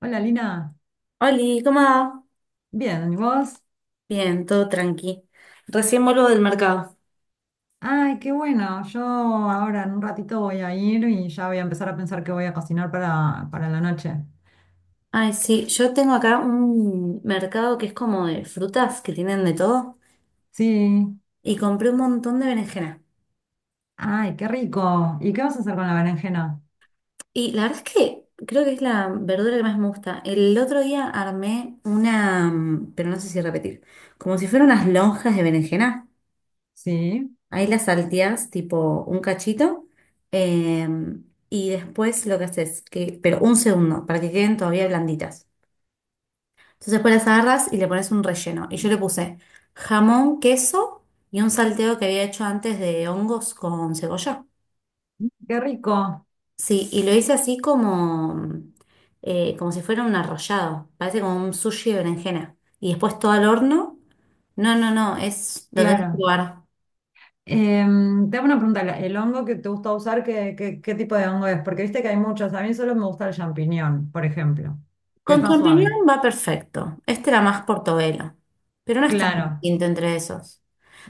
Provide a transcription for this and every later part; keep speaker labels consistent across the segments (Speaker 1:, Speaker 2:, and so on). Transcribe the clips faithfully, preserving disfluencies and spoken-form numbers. Speaker 1: Hola Lina,
Speaker 2: Oli, ¿cómo va?
Speaker 1: bien, ¿y vos?
Speaker 2: Bien, todo tranqui. Recién vuelvo del mercado.
Speaker 1: Ay, qué bueno, yo ahora en un ratito voy a ir y ya voy a empezar a pensar qué voy a cocinar para, para la noche.
Speaker 2: Ay, sí, yo tengo acá un mercado que es como de frutas, que tienen de todo,
Speaker 1: Sí,
Speaker 2: y compré un montón de berenjena.
Speaker 1: ay, qué rico. ¿Y qué vas a hacer con la berenjena?
Speaker 2: Y la verdad es que creo que es la verdura que más me gusta. El otro día armé una, mm, pero no sé si repetir, como si fueran unas lonjas de berenjena.
Speaker 1: Sí,
Speaker 2: Ahí las salteás tipo un cachito, em, y después lo que haces, que, pero un segundo, para que queden todavía blanditas. Entonces después las agarras y le pones un relleno. Y yo le puse jamón, queso y un salteo que había hecho antes de hongos con cebolla.
Speaker 1: qué rico,
Speaker 2: Sí, y lo hice así como, eh, como si fuera un arrollado. Parece como un sushi de berenjena. Y después todo al horno. No, no, no, es lo tenés que
Speaker 1: claro.
Speaker 2: probar.
Speaker 1: Em, te hago una pregunta, ¿la- ¿el hongo que te gusta usar, qué, qué, qué tipo de hongo es? Porque viste que hay muchos, a mí solo me gusta el champiñón, por ejemplo, que
Speaker 2: Con
Speaker 1: es más suave.
Speaker 2: champiñón va perfecto. Este era más portobelo. Pero no es tan
Speaker 1: Claro.
Speaker 2: distinto entre esos.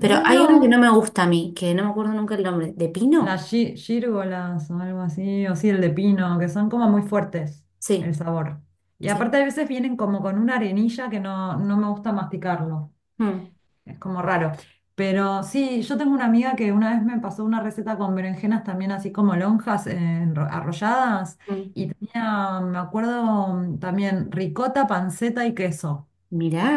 Speaker 2: Pero hay uno que no
Speaker 1: No.
Speaker 2: me gusta a mí, que no me acuerdo nunca el nombre. ¿De pino?
Speaker 1: Las gí- gírgolas o algo así, o sí, el de pino, que son como muy fuertes el
Speaker 2: Sí,
Speaker 1: sabor. Y
Speaker 2: sí.
Speaker 1: aparte a veces vienen como con una arenilla que no, no me gusta masticarlo,
Speaker 2: Mm,
Speaker 1: es como raro. Pero sí, yo tengo una amiga que una vez me pasó una receta con berenjenas también así como lonjas eh, enro- arrolladas
Speaker 2: mm.
Speaker 1: y tenía, me acuerdo, mm, también ricota, panceta y queso.
Speaker 2: Mirá,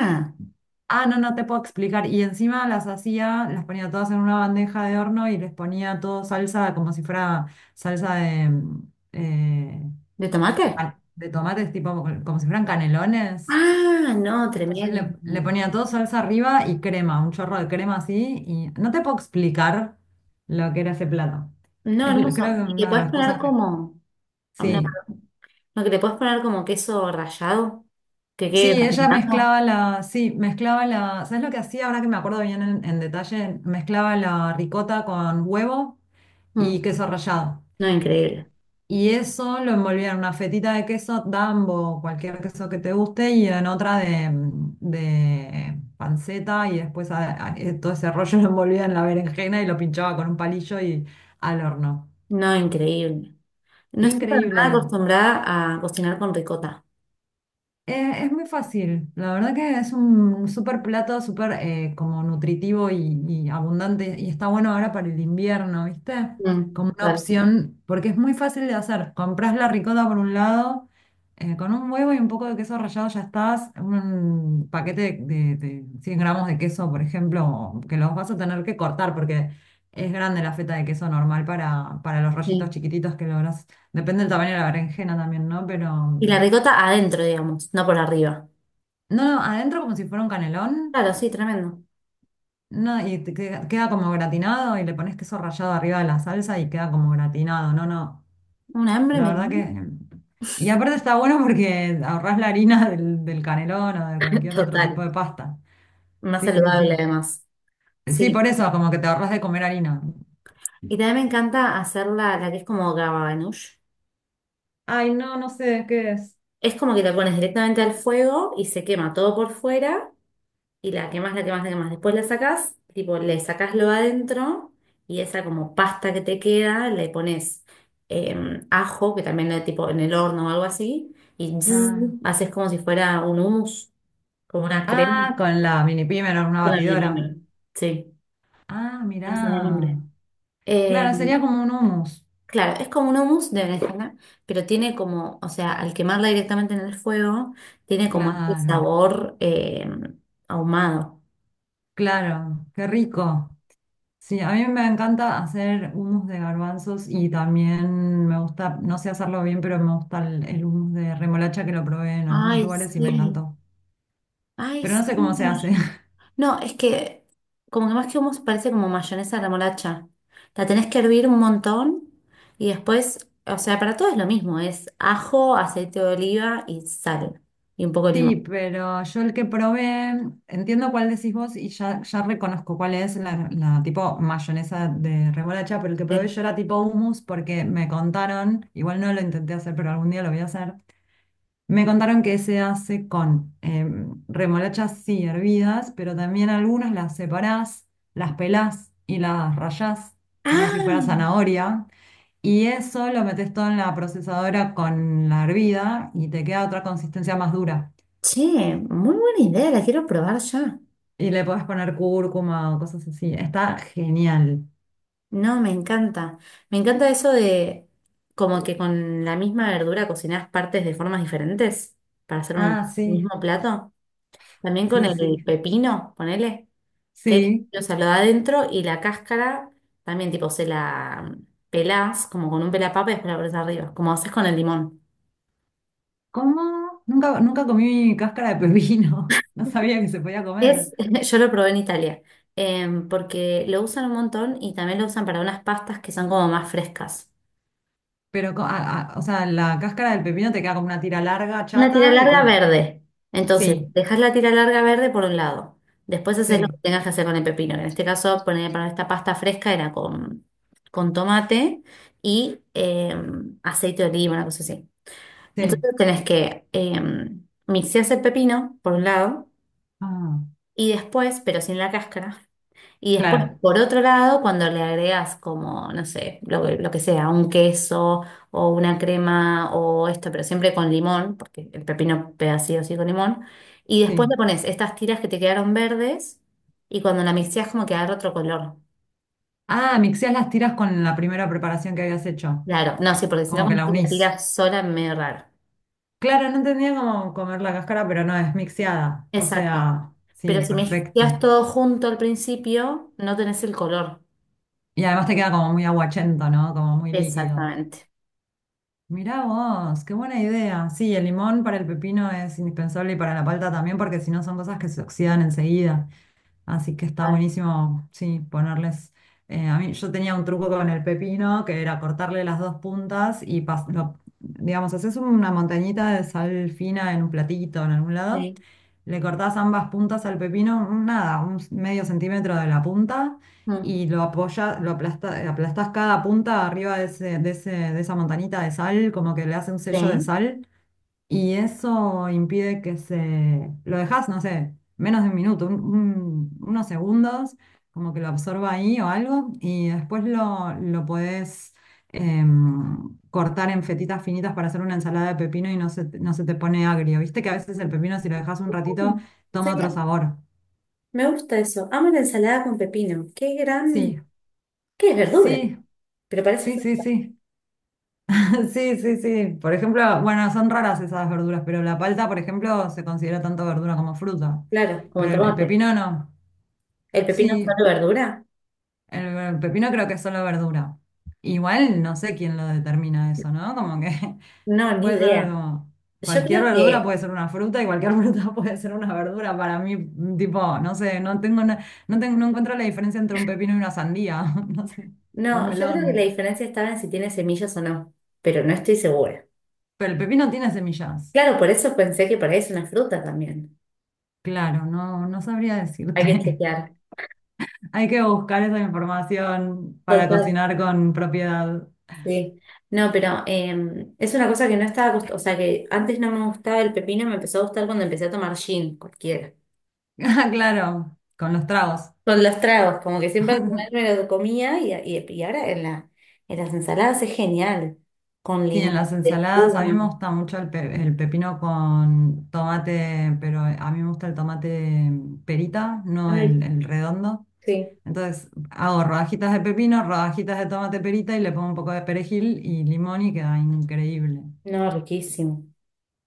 Speaker 1: Ah, no, no te puedo explicar. Y encima las hacía, las ponía todas en una bandeja de horno y les ponía todo salsa como si fuera salsa de, mm, eh,
Speaker 2: ¿de tomate?
Speaker 1: ah, de tomates, tipo como como si fueran canelones.
Speaker 2: Ah, no,
Speaker 1: Entonces
Speaker 2: tremendo.
Speaker 1: le, le ponía todo salsa arriba y crema, un chorro de crema así. Y no te puedo explicar lo que era ese plato.
Speaker 2: No,
Speaker 1: Es, l-
Speaker 2: hermoso.
Speaker 1: creo que
Speaker 2: ¿Y le
Speaker 1: una de
Speaker 2: puedes
Speaker 1: las
Speaker 2: poner
Speaker 1: cosas.
Speaker 2: como, no,
Speaker 1: Sí.
Speaker 2: no, no, que le puedes poner como queso rallado? Que
Speaker 1: Sí,
Speaker 2: quede
Speaker 1: ella
Speaker 2: gratinado.
Speaker 1: mezclaba la, sí, mezclaba la, ¿sabes lo que hacía? Ahora que me acuerdo bien en, en detalle, mezclaba la ricota con huevo y
Speaker 2: Mm.
Speaker 1: queso rallado.
Speaker 2: No, increíble.
Speaker 1: Y eso lo envolvía en una fetita de queso Dambo, cualquier queso que te guste, y en otra de, mm, de panceta, y después a- a- eh, todo ese rollo lo envolvía en la berenjena y lo pinchaba con un palillo y al horno.
Speaker 2: No, increíble. No estoy para nada
Speaker 1: Increíble.
Speaker 2: acostumbrada a cocinar con ricota.
Speaker 1: Eh, es muy fácil, la verdad que es un súper plato, súper eh, como nutritivo y, y abundante y está bueno ahora para el invierno, ¿viste?
Speaker 2: Mm,
Speaker 1: Como una
Speaker 2: total,
Speaker 1: opción, porque es muy fácil de hacer. Comprás la ricota por un lado, eh, con un huevo y un poco de queso rallado ya estás, un paquete de, de cien gramos de queso, por ejemplo, que los vas a tener que cortar porque es grande la feta de queso normal para, para los rollitos
Speaker 2: sí.
Speaker 1: chiquititos que lográs. Depende del tamaño de la berenjena también, ¿no? Pero...
Speaker 2: Y la ricota adentro, digamos, no por arriba.
Speaker 1: No, no, adentro como si fuera un canelón.
Speaker 2: Claro, sí, tremendo.
Speaker 1: No, y te queda, queda como gratinado y le pones queso rallado arriba de la salsa y queda como gratinado. No, no,
Speaker 2: Un hambre
Speaker 1: la
Speaker 2: me...
Speaker 1: verdad
Speaker 2: dio.
Speaker 1: que... Y aparte está bueno porque ahorrás la harina del, del canelón o de cualquier otro tipo
Speaker 2: Total.
Speaker 1: de pasta.
Speaker 2: Más
Speaker 1: Sí, sí, sí.
Speaker 2: saludable además.
Speaker 1: Sí,
Speaker 2: Sí.
Speaker 1: por eso, como que te ahorras de comer harina.
Speaker 2: Y también me encanta hacer la, la que es como gababanush.
Speaker 1: Ay, no, no sé de qué es.
Speaker 2: Es como que la pones directamente al fuego y se quema todo por fuera y la quemas, la quemas, la quemas. Después la sacás, tipo, le sacás lo adentro y esa como pasta que te queda le pones eh, ajo, que también lo tipo en el horno o algo así, y zzz,
Speaker 1: Ah,
Speaker 2: haces como si fuera un hummus, como una crema.
Speaker 1: ah, con la mini pimer en una
Speaker 2: Una
Speaker 1: batidora.
Speaker 2: melina. Sí,
Speaker 1: Ah,
Speaker 2: no sé el nombre.
Speaker 1: mirá. Claro,
Speaker 2: Em,
Speaker 1: sería como un hummus.
Speaker 2: Claro, es como un hummus de berenjena, pero tiene como, o sea, al quemarla directamente en el fuego, tiene como este
Speaker 1: Claro,
Speaker 2: sabor eh, ahumado.
Speaker 1: claro, qué rico. Sí, a mí me encanta hacer hummus de garbanzos y también me gusta, no sé hacerlo bien, pero me gusta el, el hummus de remolacha que lo probé en algunos
Speaker 2: Ay,
Speaker 1: lugares y me
Speaker 2: sí.
Speaker 1: encantó.
Speaker 2: Ay,
Speaker 1: Pero no
Speaker 2: sí.
Speaker 1: sé cómo
Speaker 2: La
Speaker 1: se hace.
Speaker 2: mayonesa. No, es que como que más que hummus parece como mayonesa a la molacha. La tenés que hervir un montón y después, o sea, para todo es lo mismo, es ajo, aceite de oliva y sal y un poco de
Speaker 1: Sí,
Speaker 2: limón.
Speaker 1: pero yo el que probé, entiendo cuál decís vos y ya, ya reconozco cuál es la, la tipo mayonesa de remolacha, pero el que probé
Speaker 2: Sí.
Speaker 1: yo era tipo hummus porque me contaron, igual no lo intenté hacer, pero algún día lo voy a hacer. Me contaron que se hace con em, remolachas, sí, hervidas, pero también algunas las separás, las pelás y las rayás como si fuera
Speaker 2: Ah,
Speaker 1: zanahoria. Y eso lo metes todo en la procesadora con la hervida y te queda otra consistencia más dura.
Speaker 2: che, muy buena idea, la quiero probar ya.
Speaker 1: Y le podés poner cúrcuma o cosas así. Está genial.
Speaker 2: No, me encanta. Me encanta eso de como que con la misma verdura cocinás partes de formas diferentes para hacer un
Speaker 1: Ah, sí,
Speaker 2: mismo plato. También con
Speaker 1: sí,
Speaker 2: el
Speaker 1: sí.
Speaker 2: pepino, ponele, que
Speaker 1: Sí.
Speaker 2: o sea, lo da adentro y la cáscara también tipo se la pelás como con un pelapapa y después la pones arriba, como haces con el limón.
Speaker 1: ¿Cómo? Nunca, nunca comí cáscara de pepino. No sabía que se podía comer.
Speaker 2: Es, yo lo probé en Italia, em, porque lo usan un montón y también lo usan para unas pastas que son como más frescas.
Speaker 1: Pero, co- a- a- o sea, la cáscara del pepino te queda como una tira larga,
Speaker 2: Una tira
Speaker 1: chata y
Speaker 2: larga
Speaker 1: con...
Speaker 2: verde. Entonces,
Speaker 1: Sí,
Speaker 2: dejas la tira larga verde por un lado. Después haces lo que
Speaker 1: sí,
Speaker 2: tengas que hacer con el pepino. Que en este caso, poner para esta pasta fresca era con, con tomate y eh, aceite de oliva, una cosa así.
Speaker 1: sí.
Speaker 2: Entonces tenés que eh, mixear el pepino por un lado
Speaker 1: Ah,
Speaker 2: y después, pero sin la cáscara, y después,
Speaker 1: claro,
Speaker 2: por otro lado, cuando le agregas como, no sé, lo, que lo que sea, un queso o una crema o esto, pero siempre con limón, porque el pepino pega sí o sí con limón, y después le
Speaker 1: sí.
Speaker 2: pones estas tiras que te quedaron verdes y cuando la mixeas como que agarra otro color.
Speaker 1: Ah, mixeás las tiras con la primera preparación que habías hecho,
Speaker 2: Claro, no, sí, porque si no,
Speaker 1: como que
Speaker 2: cuando
Speaker 1: la
Speaker 2: tú la
Speaker 1: unís.
Speaker 2: tiras sola es medio raro.
Speaker 1: Claro, no entendía cómo comer la cáscara, pero no, es mixeada. O
Speaker 2: Exacto.
Speaker 1: sea,
Speaker 2: Pero
Speaker 1: sí,
Speaker 2: si mezclas
Speaker 1: perfecto.
Speaker 2: todo junto al principio, no tenés el color.
Speaker 1: Y además te queda como muy aguachento, ¿no? Como muy líquido.
Speaker 2: Exactamente.
Speaker 1: Mirá vos, qué buena idea. Sí, el limón para el pepino es indispensable y para la palta también, porque si no son cosas que se oxidan enseguida. Así que está
Speaker 2: Ah,
Speaker 1: buenísimo, sí, ponerles. Eh, a mí, yo tenía un truco con el pepino que era cortarle las dos puntas y, pas- lo- digamos, haces una montañita de sal fina en un platito, en algún lado.
Speaker 2: sí.
Speaker 1: Le cortás ambas puntas al pepino, nada, un medio centímetro de la punta
Speaker 2: Mm.
Speaker 1: y lo apoyas, lo aplasta- aplastás cada punta arriba de ese- de ese- de esa montañita de sal, como que le hace un sello de
Speaker 2: Sí.
Speaker 1: sal y eso impide que se... Lo dejas, no sé, menos de un minuto, un- un- unos segundos, como que lo absorba ahí o algo, y después lo, lo podés em, cortar en fetitas finitas para hacer una ensalada de pepino y no se, te- no se te pone agrio. Viste que a veces el pepino, si lo dejas un ratito,
Speaker 2: Mm. Sí,
Speaker 1: toma otro sabor.
Speaker 2: me gusta eso. Amo la ensalada con pepino. Qué gran...
Speaker 1: Sí,
Speaker 2: ¿Qué es verdura?
Speaker 1: sí,
Speaker 2: Pero parece...
Speaker 1: sí,
Speaker 2: fr-
Speaker 1: sí, sí. Sí, sí, sí. Por ejemplo, bueno, son raras esas verduras, pero la palta, por ejemplo, se considera tanto verdura como fruta,
Speaker 2: Claro, como el
Speaker 1: pero el el
Speaker 2: tomate.
Speaker 1: pepino no.
Speaker 2: ¿El pepino es
Speaker 1: Sí,
Speaker 2: solo verdura?
Speaker 1: el, el pepino creo que es solo verdura. Igual no sé quién lo determina eso, ¿no? Como que
Speaker 2: No, ni
Speaker 1: puede ser
Speaker 2: idea.
Speaker 1: como
Speaker 2: Yo
Speaker 1: cualquier
Speaker 2: creo
Speaker 1: verdura
Speaker 2: que...
Speaker 1: puede ser una fruta y cualquier fruta puede ser una verdura. Para mí, mm, tipo, no sé, no tengo na- no tengo, no encuentro la diferencia entre un pepino y una sandía, no sé, o un
Speaker 2: No, yo creo que la
Speaker 1: melón.
Speaker 2: diferencia estaba en si tiene semillas o no, pero no estoy segura.
Speaker 1: Pero el pepino tiene semillas.
Speaker 2: Claro, por eso pensé que por ahí es una fruta también.
Speaker 1: Claro, no, no sabría
Speaker 2: Hay que
Speaker 1: decirte.
Speaker 2: chequear.
Speaker 1: Hay que buscar esa información para
Speaker 2: Total,
Speaker 1: cocinar con propiedad.
Speaker 2: sí. No, pero eh, es una cosa que no estaba... acost- O sea, que antes no me gustaba el pepino, me empezó a gustar cuando empecé a tomar gin, cualquiera.
Speaker 1: Ah, claro, con los tragos.
Speaker 2: Con los tragos, como que siempre al final me lo comía y, y- y ahora en la, en las ensaladas es genial. Con
Speaker 1: Sí, en
Speaker 2: limón,
Speaker 1: las ensaladas a mí
Speaker 2: lechuga.
Speaker 1: me gusta mucho el, pe- el pepino con tomate, pero a mí me gusta el tomate perita, no
Speaker 2: Ay,
Speaker 1: el, el redondo.
Speaker 2: sí.
Speaker 1: Entonces hago rodajitas de pepino, rodajitas de tomate perita y le pongo un poco de perejil y limón y queda increíble.
Speaker 2: No, riquísimo.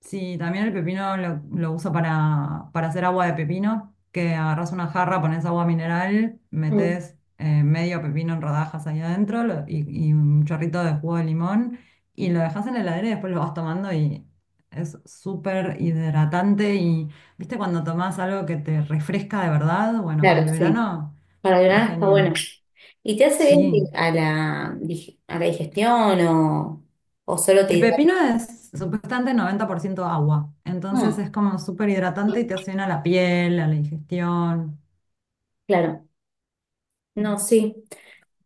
Speaker 1: Sí, también el pepino lo, lo uso para, para hacer agua de pepino, que agarras una jarra, pones agua mineral,
Speaker 2: Mm.
Speaker 1: metes eh, medio pepino en rodajas ahí adentro lo- y, y un chorrito de jugo de limón y lo dejas en la heladera y después lo vas tomando y es súper hidratante y, ¿viste? Cuando tomás algo que te refresca de verdad, bueno, para
Speaker 2: Claro,
Speaker 1: el
Speaker 2: sí.
Speaker 1: verano
Speaker 2: Para
Speaker 1: es
Speaker 2: ayunar está bueno.
Speaker 1: genial.
Speaker 2: ¿Y te hace bien que-
Speaker 1: Sí,
Speaker 2: a la, dig- a la digestión o, o solo te
Speaker 1: el
Speaker 2: hidrata?
Speaker 1: pepino es supuestamente noventa por ciento agua, entonces
Speaker 2: Mm,
Speaker 1: es como súper hidratante y te hace bien a la piel, a la digestión.
Speaker 2: claro. No, sí.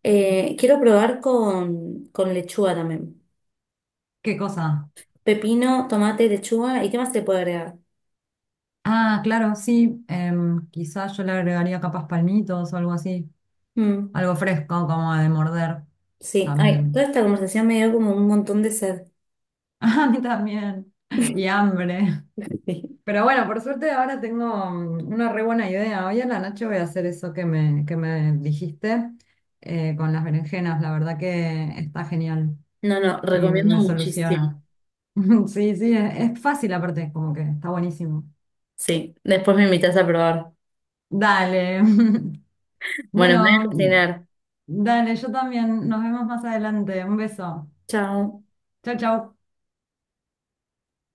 Speaker 2: Eh, quiero probar con, con lechuga también.
Speaker 1: ¿Qué cosa?
Speaker 2: Pepino, tomate, lechuga. ¿Y qué más se puede agregar?
Speaker 1: Ah, claro, sí, em, quizás yo le agregaría capas palmitos o algo así,
Speaker 2: Mm.
Speaker 1: algo fresco como de morder
Speaker 2: Sí, ay, toda
Speaker 1: también.
Speaker 2: esta conversación me dio como un montón de sed.
Speaker 1: A mí también, y hambre.
Speaker 2: Sí.
Speaker 1: Pero bueno, por suerte ahora tengo mm, una re buena idea. Hoy en la noche voy a hacer eso que me, que me dijiste eh, con las berenjenas, la verdad que está genial
Speaker 2: No, no,
Speaker 1: y
Speaker 2: recomiendo
Speaker 1: me
Speaker 2: muchísimo.
Speaker 1: soluciona. Sí, sí, es, es fácil aparte, como que está buenísimo.
Speaker 2: Sí, después me invitas a probar.
Speaker 1: Dale.
Speaker 2: Bueno, me voy a
Speaker 1: Bueno,
Speaker 2: cocinar.
Speaker 1: dale, yo también. Nos vemos más adelante. Un beso.
Speaker 2: Chao.
Speaker 1: Chau, chau.